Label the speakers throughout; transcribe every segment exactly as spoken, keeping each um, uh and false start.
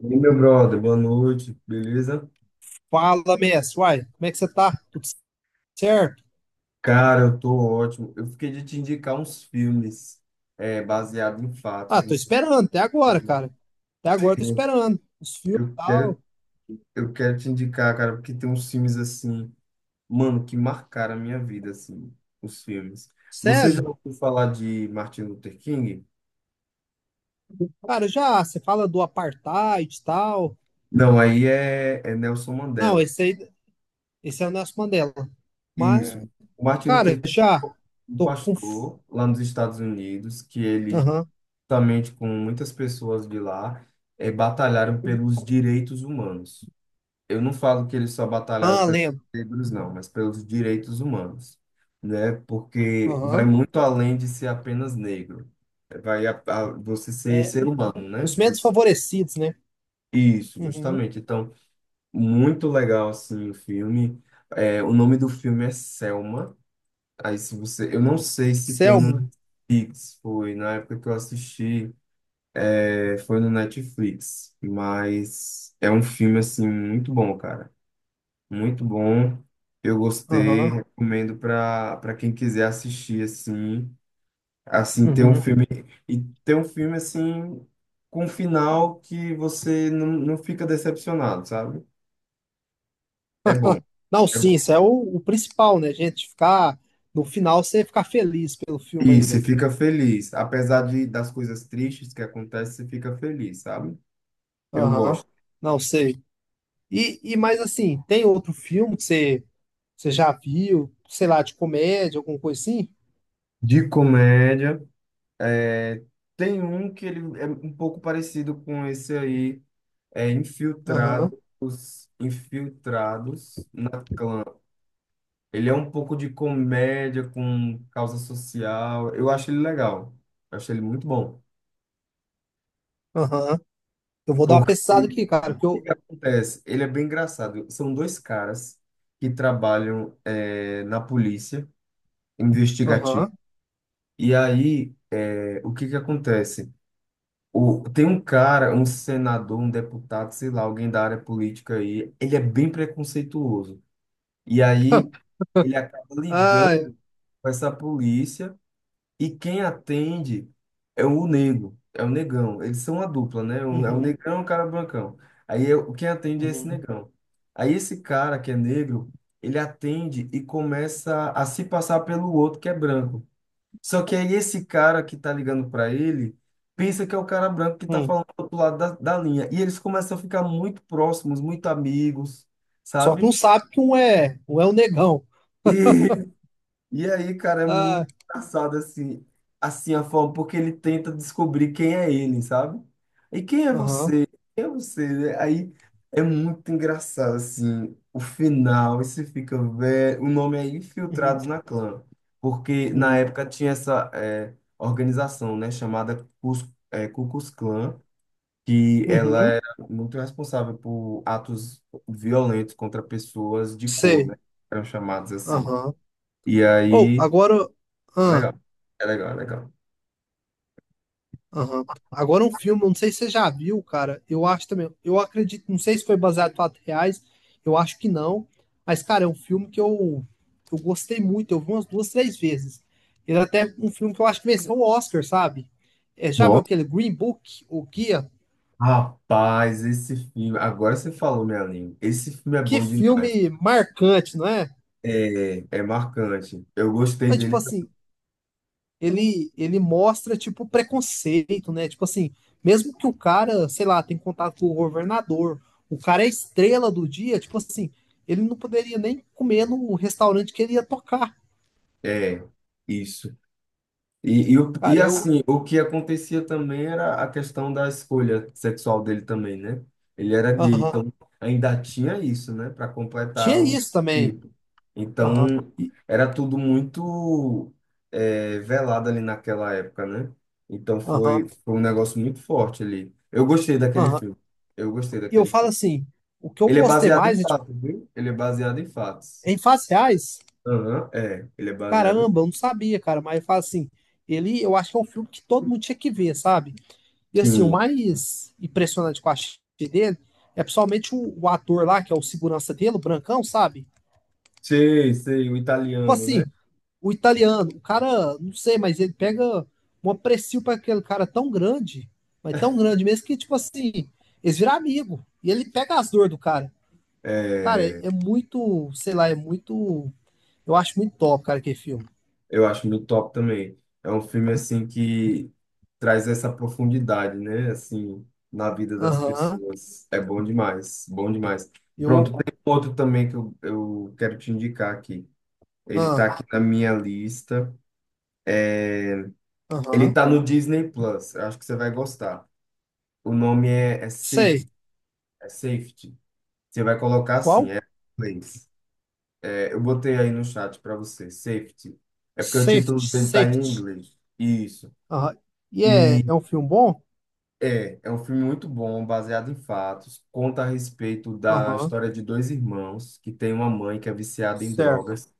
Speaker 1: E meu brother, boa noite, beleza?
Speaker 2: Fala, Messi. Uai, como é que você tá? Tudo certo?
Speaker 1: Cara, eu tô ótimo. Eu fiquei de te indicar uns filmes é, baseados em
Speaker 2: Ah,
Speaker 1: fatos. Não
Speaker 2: tô
Speaker 1: sei se
Speaker 2: esperando até agora,
Speaker 1: tem, né?
Speaker 2: cara. Até agora eu tô esperando. Os filmes e
Speaker 1: Eu quero,
Speaker 2: tal.
Speaker 1: eu quero te indicar, cara, porque tem uns filmes assim, mano, que marcaram a minha vida, assim, os filmes. Você já
Speaker 2: Sério?
Speaker 1: ouviu falar de Martin Luther King?
Speaker 2: Cara, já, você fala do apartheid e tal.
Speaker 1: Não, aí é, é Nelson
Speaker 2: Não,
Speaker 1: Mandela.
Speaker 2: esse aí, esse é o Nelson Mandela. Mas,
Speaker 1: Isso. O Martin Luther
Speaker 2: cara,
Speaker 1: King,
Speaker 2: já
Speaker 1: um
Speaker 2: tô com. F-
Speaker 1: pastor lá nos Estados Unidos, que ele
Speaker 2: Aham.
Speaker 1: juntamente com muitas pessoas de lá, eh, batalharam pelos direitos humanos. Eu não falo que eles só batalharam
Speaker 2: Ah,
Speaker 1: pelos
Speaker 2: lembro.
Speaker 1: negros, não, mas pelos direitos humanos, né? Porque vai
Speaker 2: Aham.
Speaker 1: muito além de ser apenas negro. Vai a, a- você ser
Speaker 2: É,
Speaker 1: ser humano, né?
Speaker 2: os menos
Speaker 1: Você-
Speaker 2: favorecidos, né?
Speaker 1: isso,
Speaker 2: Uhum.
Speaker 1: justamente. Então, muito legal, assim, o filme. Eh, o nome do filme é Selma. Aí, se você... eu não sei se tem no
Speaker 2: Selma.
Speaker 1: Netflix, foi na época que eu assisti. É, foi no Netflix, mas é um filme assim muito bom, cara. Muito bom. Eu gostei,
Speaker 2: Aham.
Speaker 1: recomendo para para quem quiser assistir assim, assim ter um
Speaker 2: Uhum.
Speaker 1: filme e ter um filme assim com um final que você não, não fica decepcionado, sabe? É bom,
Speaker 2: Não,
Speaker 1: é
Speaker 2: sim,
Speaker 1: bom.
Speaker 2: isso é o, o principal, né, gente? Ficar. No final, você ficar feliz pelo filme
Speaker 1: E você
Speaker 2: ainda.
Speaker 1: fica feliz, apesar de das coisas tristes que acontecem, você fica feliz, sabe? Eu
Speaker 2: Aham.
Speaker 1: gosto.
Speaker 2: Não sei. E, e mais assim, tem outro filme que você, você já viu, sei lá, de comédia, alguma coisa assim?
Speaker 1: De comédia. É, tem um que ele é um pouco parecido com esse aí, é
Speaker 2: Aham,
Speaker 1: Infiltrados, Infiltrados na Clã. Ele é um pouco de comédia com causa social. Eu acho ele legal. Eu acho ele muito bom.
Speaker 2: aham. Eu vou dar uma
Speaker 1: Porque
Speaker 2: pesquisada aqui, cara,
Speaker 1: o
Speaker 2: que
Speaker 1: que
Speaker 2: eu.
Speaker 1: que acontece? Ele é bem engraçado. São dois caras que trabalham é, na polícia investigativa.
Speaker 2: Aham.
Speaker 1: E aí, é, o que que acontece? O, tem um cara, um senador, um deputado, sei lá, alguém da área política aí, ele é bem preconceituoso. E aí ele acaba
Speaker 2: Ah, é.
Speaker 1: ligando com essa polícia e quem atende é o negro, é o negão. Eles são a dupla, né? Um, é o
Speaker 2: Uhum,
Speaker 1: negrão e o cara brancão. Aí é- quem atende é esse
Speaker 2: uhum,
Speaker 1: negão. Aí esse cara que é negro, ele atende e começa a se passar pelo outro que é branco. Só que aí esse cara que tá ligando pra ele pensa que é o cara branco que tá
Speaker 2: hum.
Speaker 1: falando do outro lado da, da linha. E eles começam a ficar muito próximos, muito amigos,
Speaker 2: Só que
Speaker 1: sabe?
Speaker 2: não sabe que um é, um é o negão.
Speaker 1: E aí, cara, é muito
Speaker 2: Ah,
Speaker 1: engraçado assim, assim a forma, porque ele tenta descobrir quem é ele, sabe? E quem é
Speaker 2: aham,
Speaker 1: você? Quem é você, né? Aí é muito engraçado assim, o final, e você fica velho. O nome é
Speaker 2: uhum,
Speaker 1: Infiltrados na Clã, porque na
Speaker 2: uhum,
Speaker 1: época tinha essa é, organização, né, chamada Cus, é, Ku Klux Klan, que ela
Speaker 2: uhum,
Speaker 1: era muito responsável por atos violentos contra pessoas de cor,
Speaker 2: sei.
Speaker 1: né? Eram chamados assim.
Speaker 2: Aham.
Speaker 1: E
Speaker 2: Ou,
Speaker 1: aí
Speaker 2: agora.
Speaker 1: é
Speaker 2: Ah.
Speaker 1: legal. É legal, é legal.
Speaker 2: Aham. Agora um filme, não sei se você já viu, cara. Eu acho também. Eu acredito, não sei se foi baseado em fatos reais, eu acho que não. Mas, cara, é um filme que eu, eu gostei muito. Eu vi umas duas, três vezes. Ele é até um filme que eu acho que venceu o Oscar, sabe? É, já viu
Speaker 1: Nossa,
Speaker 2: aquele Green Book, O Guia?
Speaker 1: rapaz, esse filme. Agora você falou minha língua. Esse filme é
Speaker 2: Que
Speaker 1: bom demais.
Speaker 2: filme marcante, não é?
Speaker 1: É, é marcante. Eu gostei
Speaker 2: É, tipo
Speaker 1: dele. tam-
Speaker 2: assim, ele, ele mostra, tipo, preconceito, né? Tipo assim, mesmo que o cara, sei lá, tem contato com o governador, o cara é estrela do dia, tipo assim, ele não poderia nem comer no restaurante que ele ia tocar.
Speaker 1: É, isso. E, e, o- e
Speaker 2: Cara, eu.
Speaker 1: assim, o que acontecia também era a questão da escolha sexual dele também, né? Ele era gay,
Speaker 2: Aham.
Speaker 1: então ainda tinha isso, né? Para
Speaker 2: Tinha
Speaker 1: completar o
Speaker 2: isso também.
Speaker 1: ciclo.
Speaker 2: Aham.
Speaker 1: Então,
Speaker 2: E,
Speaker 1: era tudo muito eh, velado ali naquela época, né? Então,
Speaker 2: aham.
Speaker 1: foi, foi um negócio muito forte ali. Eu gostei daquele
Speaker 2: Aham.
Speaker 1: filme. Eu gostei
Speaker 2: E eu
Speaker 1: daquele
Speaker 2: falo
Speaker 1: filme.
Speaker 2: assim, o que eu
Speaker 1: Ele é
Speaker 2: gostei
Speaker 1: baseado em
Speaker 2: mais é, tipo,
Speaker 1: fatos, viu? Ele é baseado em fatos.
Speaker 2: em fases reais,
Speaker 1: Aham, é. Ele é baseado em...
Speaker 2: caramba, eu não sabia, cara, mas eu falo assim, ele, eu acho que é um filme que todo mundo tinha que ver, sabe? E assim, o
Speaker 1: Sim.
Speaker 2: mais impressionante que eu achei dele é principalmente o, o ator lá, que é o segurança dele, o Brancão, sabe?
Speaker 1: Sei, sei, o
Speaker 2: Tipo
Speaker 1: italiano, né?
Speaker 2: assim, o italiano, o cara, não sei, mas ele pega um aprecio para aquele cara tão grande, mas tão grande mesmo que, tipo assim, eles viram amigo. E ele pega as dores do cara. Cara,
Speaker 1: É,
Speaker 2: é, é muito, sei lá, é muito. Eu acho muito top, cara, aquele filme.
Speaker 1: eu acho muito top também. É um filme assim que traz essa profundidade, né? Assim, na vida das
Speaker 2: Aham,
Speaker 1: pessoas. É bom demais, bom demais. Pronto,
Speaker 2: eu.
Speaker 1: tem um outro também que eu, eu quero te indicar aqui. Ele tá
Speaker 2: Ah,
Speaker 1: aqui na minha lista. Ele
Speaker 2: aham,
Speaker 1: tá no Disney Plus. Eu acho que você vai gostar. O nome é, é
Speaker 2: sei.
Speaker 1: Safety. É Safety. Você vai colocar assim,
Speaker 2: Qual?
Speaker 1: é em inglês. É, eu botei aí no chat para você, Safety. É porque o
Speaker 2: Safety,
Speaker 1: título dele tá em
Speaker 2: Safety.
Speaker 1: inglês. Isso.
Speaker 2: Aham. E é,
Speaker 1: E
Speaker 2: é um filme bom?
Speaker 1: É, é um filme muito bom, baseado em fatos. Conta a respeito da
Speaker 2: Aham,
Speaker 1: história de dois irmãos que tem uma mãe que é viciada em
Speaker 2: certo.
Speaker 1: drogas.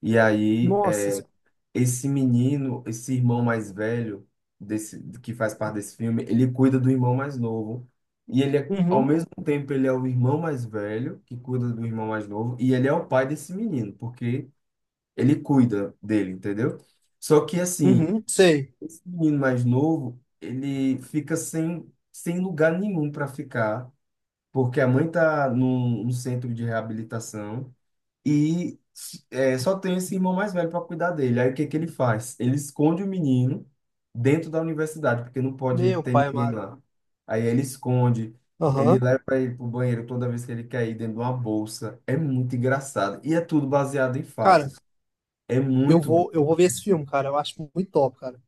Speaker 1: E aí, é,
Speaker 2: Nossa, senhora.
Speaker 1: esse menino, esse irmão mais velho desse, que faz parte desse filme, ele cuida do irmão mais novo. E ele, é- ao
Speaker 2: Uhum,
Speaker 1: mesmo tempo, ele é o irmão mais velho que cuida do irmão mais novo. E ele é o pai desse menino, porque ele cuida dele, entendeu? Só que assim.
Speaker 2: uhum, sei.
Speaker 1: Esse menino mais novo, ele fica sem, sem lugar nenhum para ficar, porque a mãe tá num, num centro de reabilitação e é, só tem esse irmão mais velho para cuidar dele. Aí o que que ele faz? Ele esconde o menino dentro da universidade, porque não pode
Speaker 2: Meu
Speaker 1: ter
Speaker 2: pai
Speaker 1: ninguém
Speaker 2: amado.
Speaker 1: lá. Aí ele esconde, ele
Speaker 2: Aham.
Speaker 1: leva ele pro banheiro toda vez que ele quer ir dentro de uma bolsa. É muito engraçado e é tudo baseado em
Speaker 2: Cara,
Speaker 1: fatos. É
Speaker 2: eu
Speaker 1: muito bom.
Speaker 2: vou, eu vou ver esse filme, cara. Eu acho muito top, cara.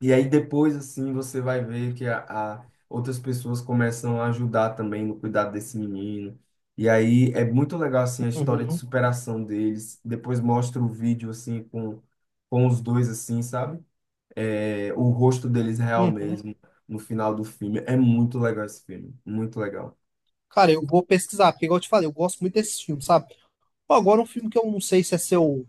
Speaker 1: E aí depois, assim, você vai ver que a, a- outras pessoas começam a ajudar também no cuidado desse menino. E aí é muito legal, assim, a história de
Speaker 2: Uhum,
Speaker 1: superação deles. Depois mostra o vídeo, assim, com, com os dois, assim, sabe? É, o rosto deles real
Speaker 2: uhum.
Speaker 1: mesmo no final do filme. É muito legal esse filme, muito legal.
Speaker 2: Cara, eu vou pesquisar, porque igual eu te falei, eu gosto muito desse filme, sabe? Pô, agora um filme que eu não sei se é seu,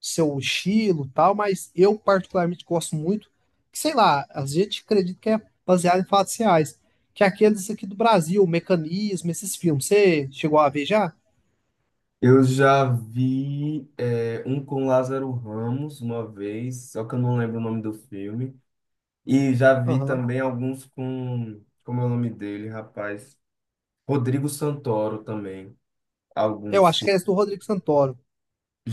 Speaker 2: seu estilo, e tal, mas eu particularmente gosto muito, que sei lá, a gente acredita que é baseado em fatos reais, que é aqueles aqui do Brasil, o Mecanismo, esses filmes. Você chegou a ver já?
Speaker 1: Eu já vi, é, um com Lázaro Ramos uma vez, só que eu não lembro o nome do filme. E já vi
Speaker 2: Aham.
Speaker 1: também alguns com, como é o nome dele, rapaz? Rodrigo Santoro também.
Speaker 2: Eu
Speaker 1: Alguns
Speaker 2: acho que
Speaker 1: fi-
Speaker 2: é esse do Rodrigo Santoro.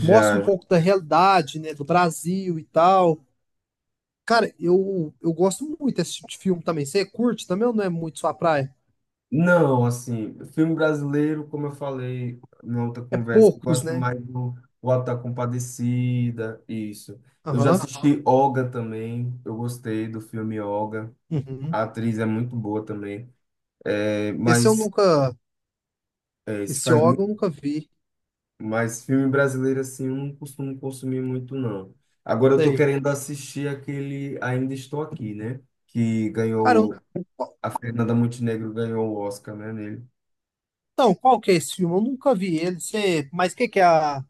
Speaker 2: Mostra um pouco da realidade, né, do Brasil e tal. Cara, eu, eu gosto muito desse tipo de filme também. Você curte também ou não é muito sua praia?
Speaker 1: Não, assim, filme brasileiro, como eu falei na outra
Speaker 2: É
Speaker 1: conversa, eu
Speaker 2: poucos,
Speaker 1: gosto
Speaker 2: né?
Speaker 1: mais do O Auto da Compadecida, isso. Eu já
Speaker 2: Aham.
Speaker 1: assisti Olga também, eu gostei do filme Olga.
Speaker 2: Uhum.
Speaker 1: A atriz é muito boa também. É,
Speaker 2: Esse eu
Speaker 1: mas
Speaker 2: nunca.
Speaker 1: é, isso
Speaker 2: Esse
Speaker 1: faz.
Speaker 2: órgão eu nunca vi.
Speaker 1: Mas filme brasileiro, assim, eu não costumo consumir muito, não. Agora eu tô
Speaker 2: Sei.
Speaker 1: querendo assistir aquele Ainda Estou Aqui, né? Que
Speaker 2: Cara, eu,
Speaker 1: ganhou,
Speaker 2: qual-
Speaker 1: a Fernanda Montenegro ganhou o Oscar, né, nele.
Speaker 2: então, qual que é esse filme? Eu nunca vi ele. Sei, mas o que que é a.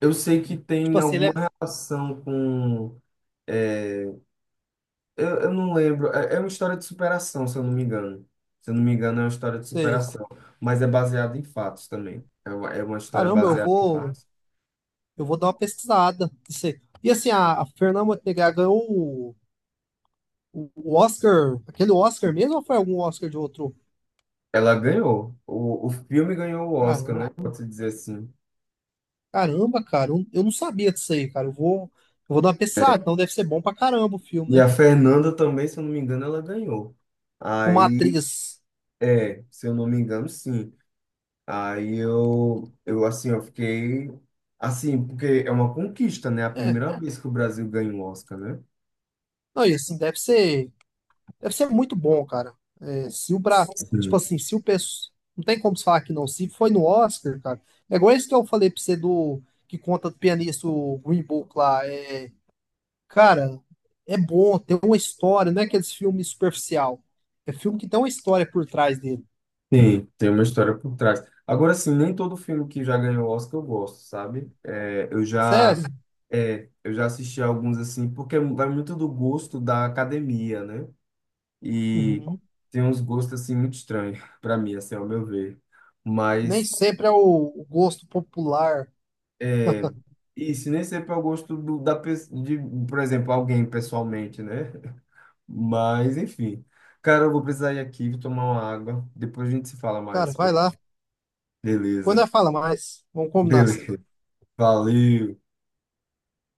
Speaker 1: Eu sei que tem
Speaker 2: Tipo assim, ele
Speaker 1: alguma
Speaker 2: é.
Speaker 1: relação com... é, eu, eu não lembro. É, é uma história de superação, se eu não me engano. Se eu não me engano, é uma história de
Speaker 2: Sei.
Speaker 1: superação. Mas é baseada em fatos também. É uma, é uma história
Speaker 2: Caramba, eu
Speaker 1: baseada em
Speaker 2: vou.
Speaker 1: fatos.
Speaker 2: Eu vou dar uma pesquisada. Sei. E assim, a, a Fernanda Montenegro ganhou o, o Oscar. Aquele Oscar mesmo ou foi algum Oscar de outro?
Speaker 1: Ela ganhou. O, o filme ganhou o Oscar,
Speaker 2: Caramba.
Speaker 1: né? Pode-se dizer assim.
Speaker 2: Caramba, cara, eu eu não sabia disso aí, cara. Eu vou, eu vou dar uma pensada, então deve ser bom pra caramba o filme,
Speaker 1: E
Speaker 2: né?
Speaker 1: a Fernanda também, se eu não me engano, ela ganhou.
Speaker 2: Uma
Speaker 1: Aí,
Speaker 2: atriz.
Speaker 1: é, se eu não me engano, sim. Aí eu, eu assim, eu fiquei assim, porque é uma conquista, né? A
Speaker 2: É,
Speaker 1: primeira vez que o Brasil ganha um Oscar, né?
Speaker 2: não, e assim, deve ser, deve ser muito bom, cara. É, se o pra, tipo
Speaker 1: Sim.
Speaker 2: assim, se o pessoal. Não tem como se falar que não. Se foi no Oscar, cara. É igual esse que eu falei pra você do. Que conta do pianista, o Green Book lá. É, cara, é bom, tem uma história, não é aqueles filmes superficial. É filme que tem uma história por trás dele.
Speaker 1: Sim, tem uma história por trás. Agora, sim, nem todo filme que já ganhou Oscar eu gosto, sabe? É, eu já,
Speaker 2: Sério?
Speaker 1: é, eu já assisti alguns assim, porque vai muito do gosto da academia, né? E
Speaker 2: Uhum.
Speaker 1: tem uns gostos assim muito estranhos para mim, assim, ao meu ver.
Speaker 2: Nem
Speaker 1: Mas
Speaker 2: sempre é o o gosto popular.
Speaker 1: é isso, nem sempre é o gosto do, da pessoa, de, por exemplo, alguém pessoalmente, né? Mas enfim. Cara, eu vou precisar ir aqui, vou tomar uma água. Depois a gente se fala mais.
Speaker 2: Cara, vai lá. Depois
Speaker 1: Beleza.
Speaker 2: nós fala mais. Vamos combinar assim.
Speaker 1: Beleza. Valeu.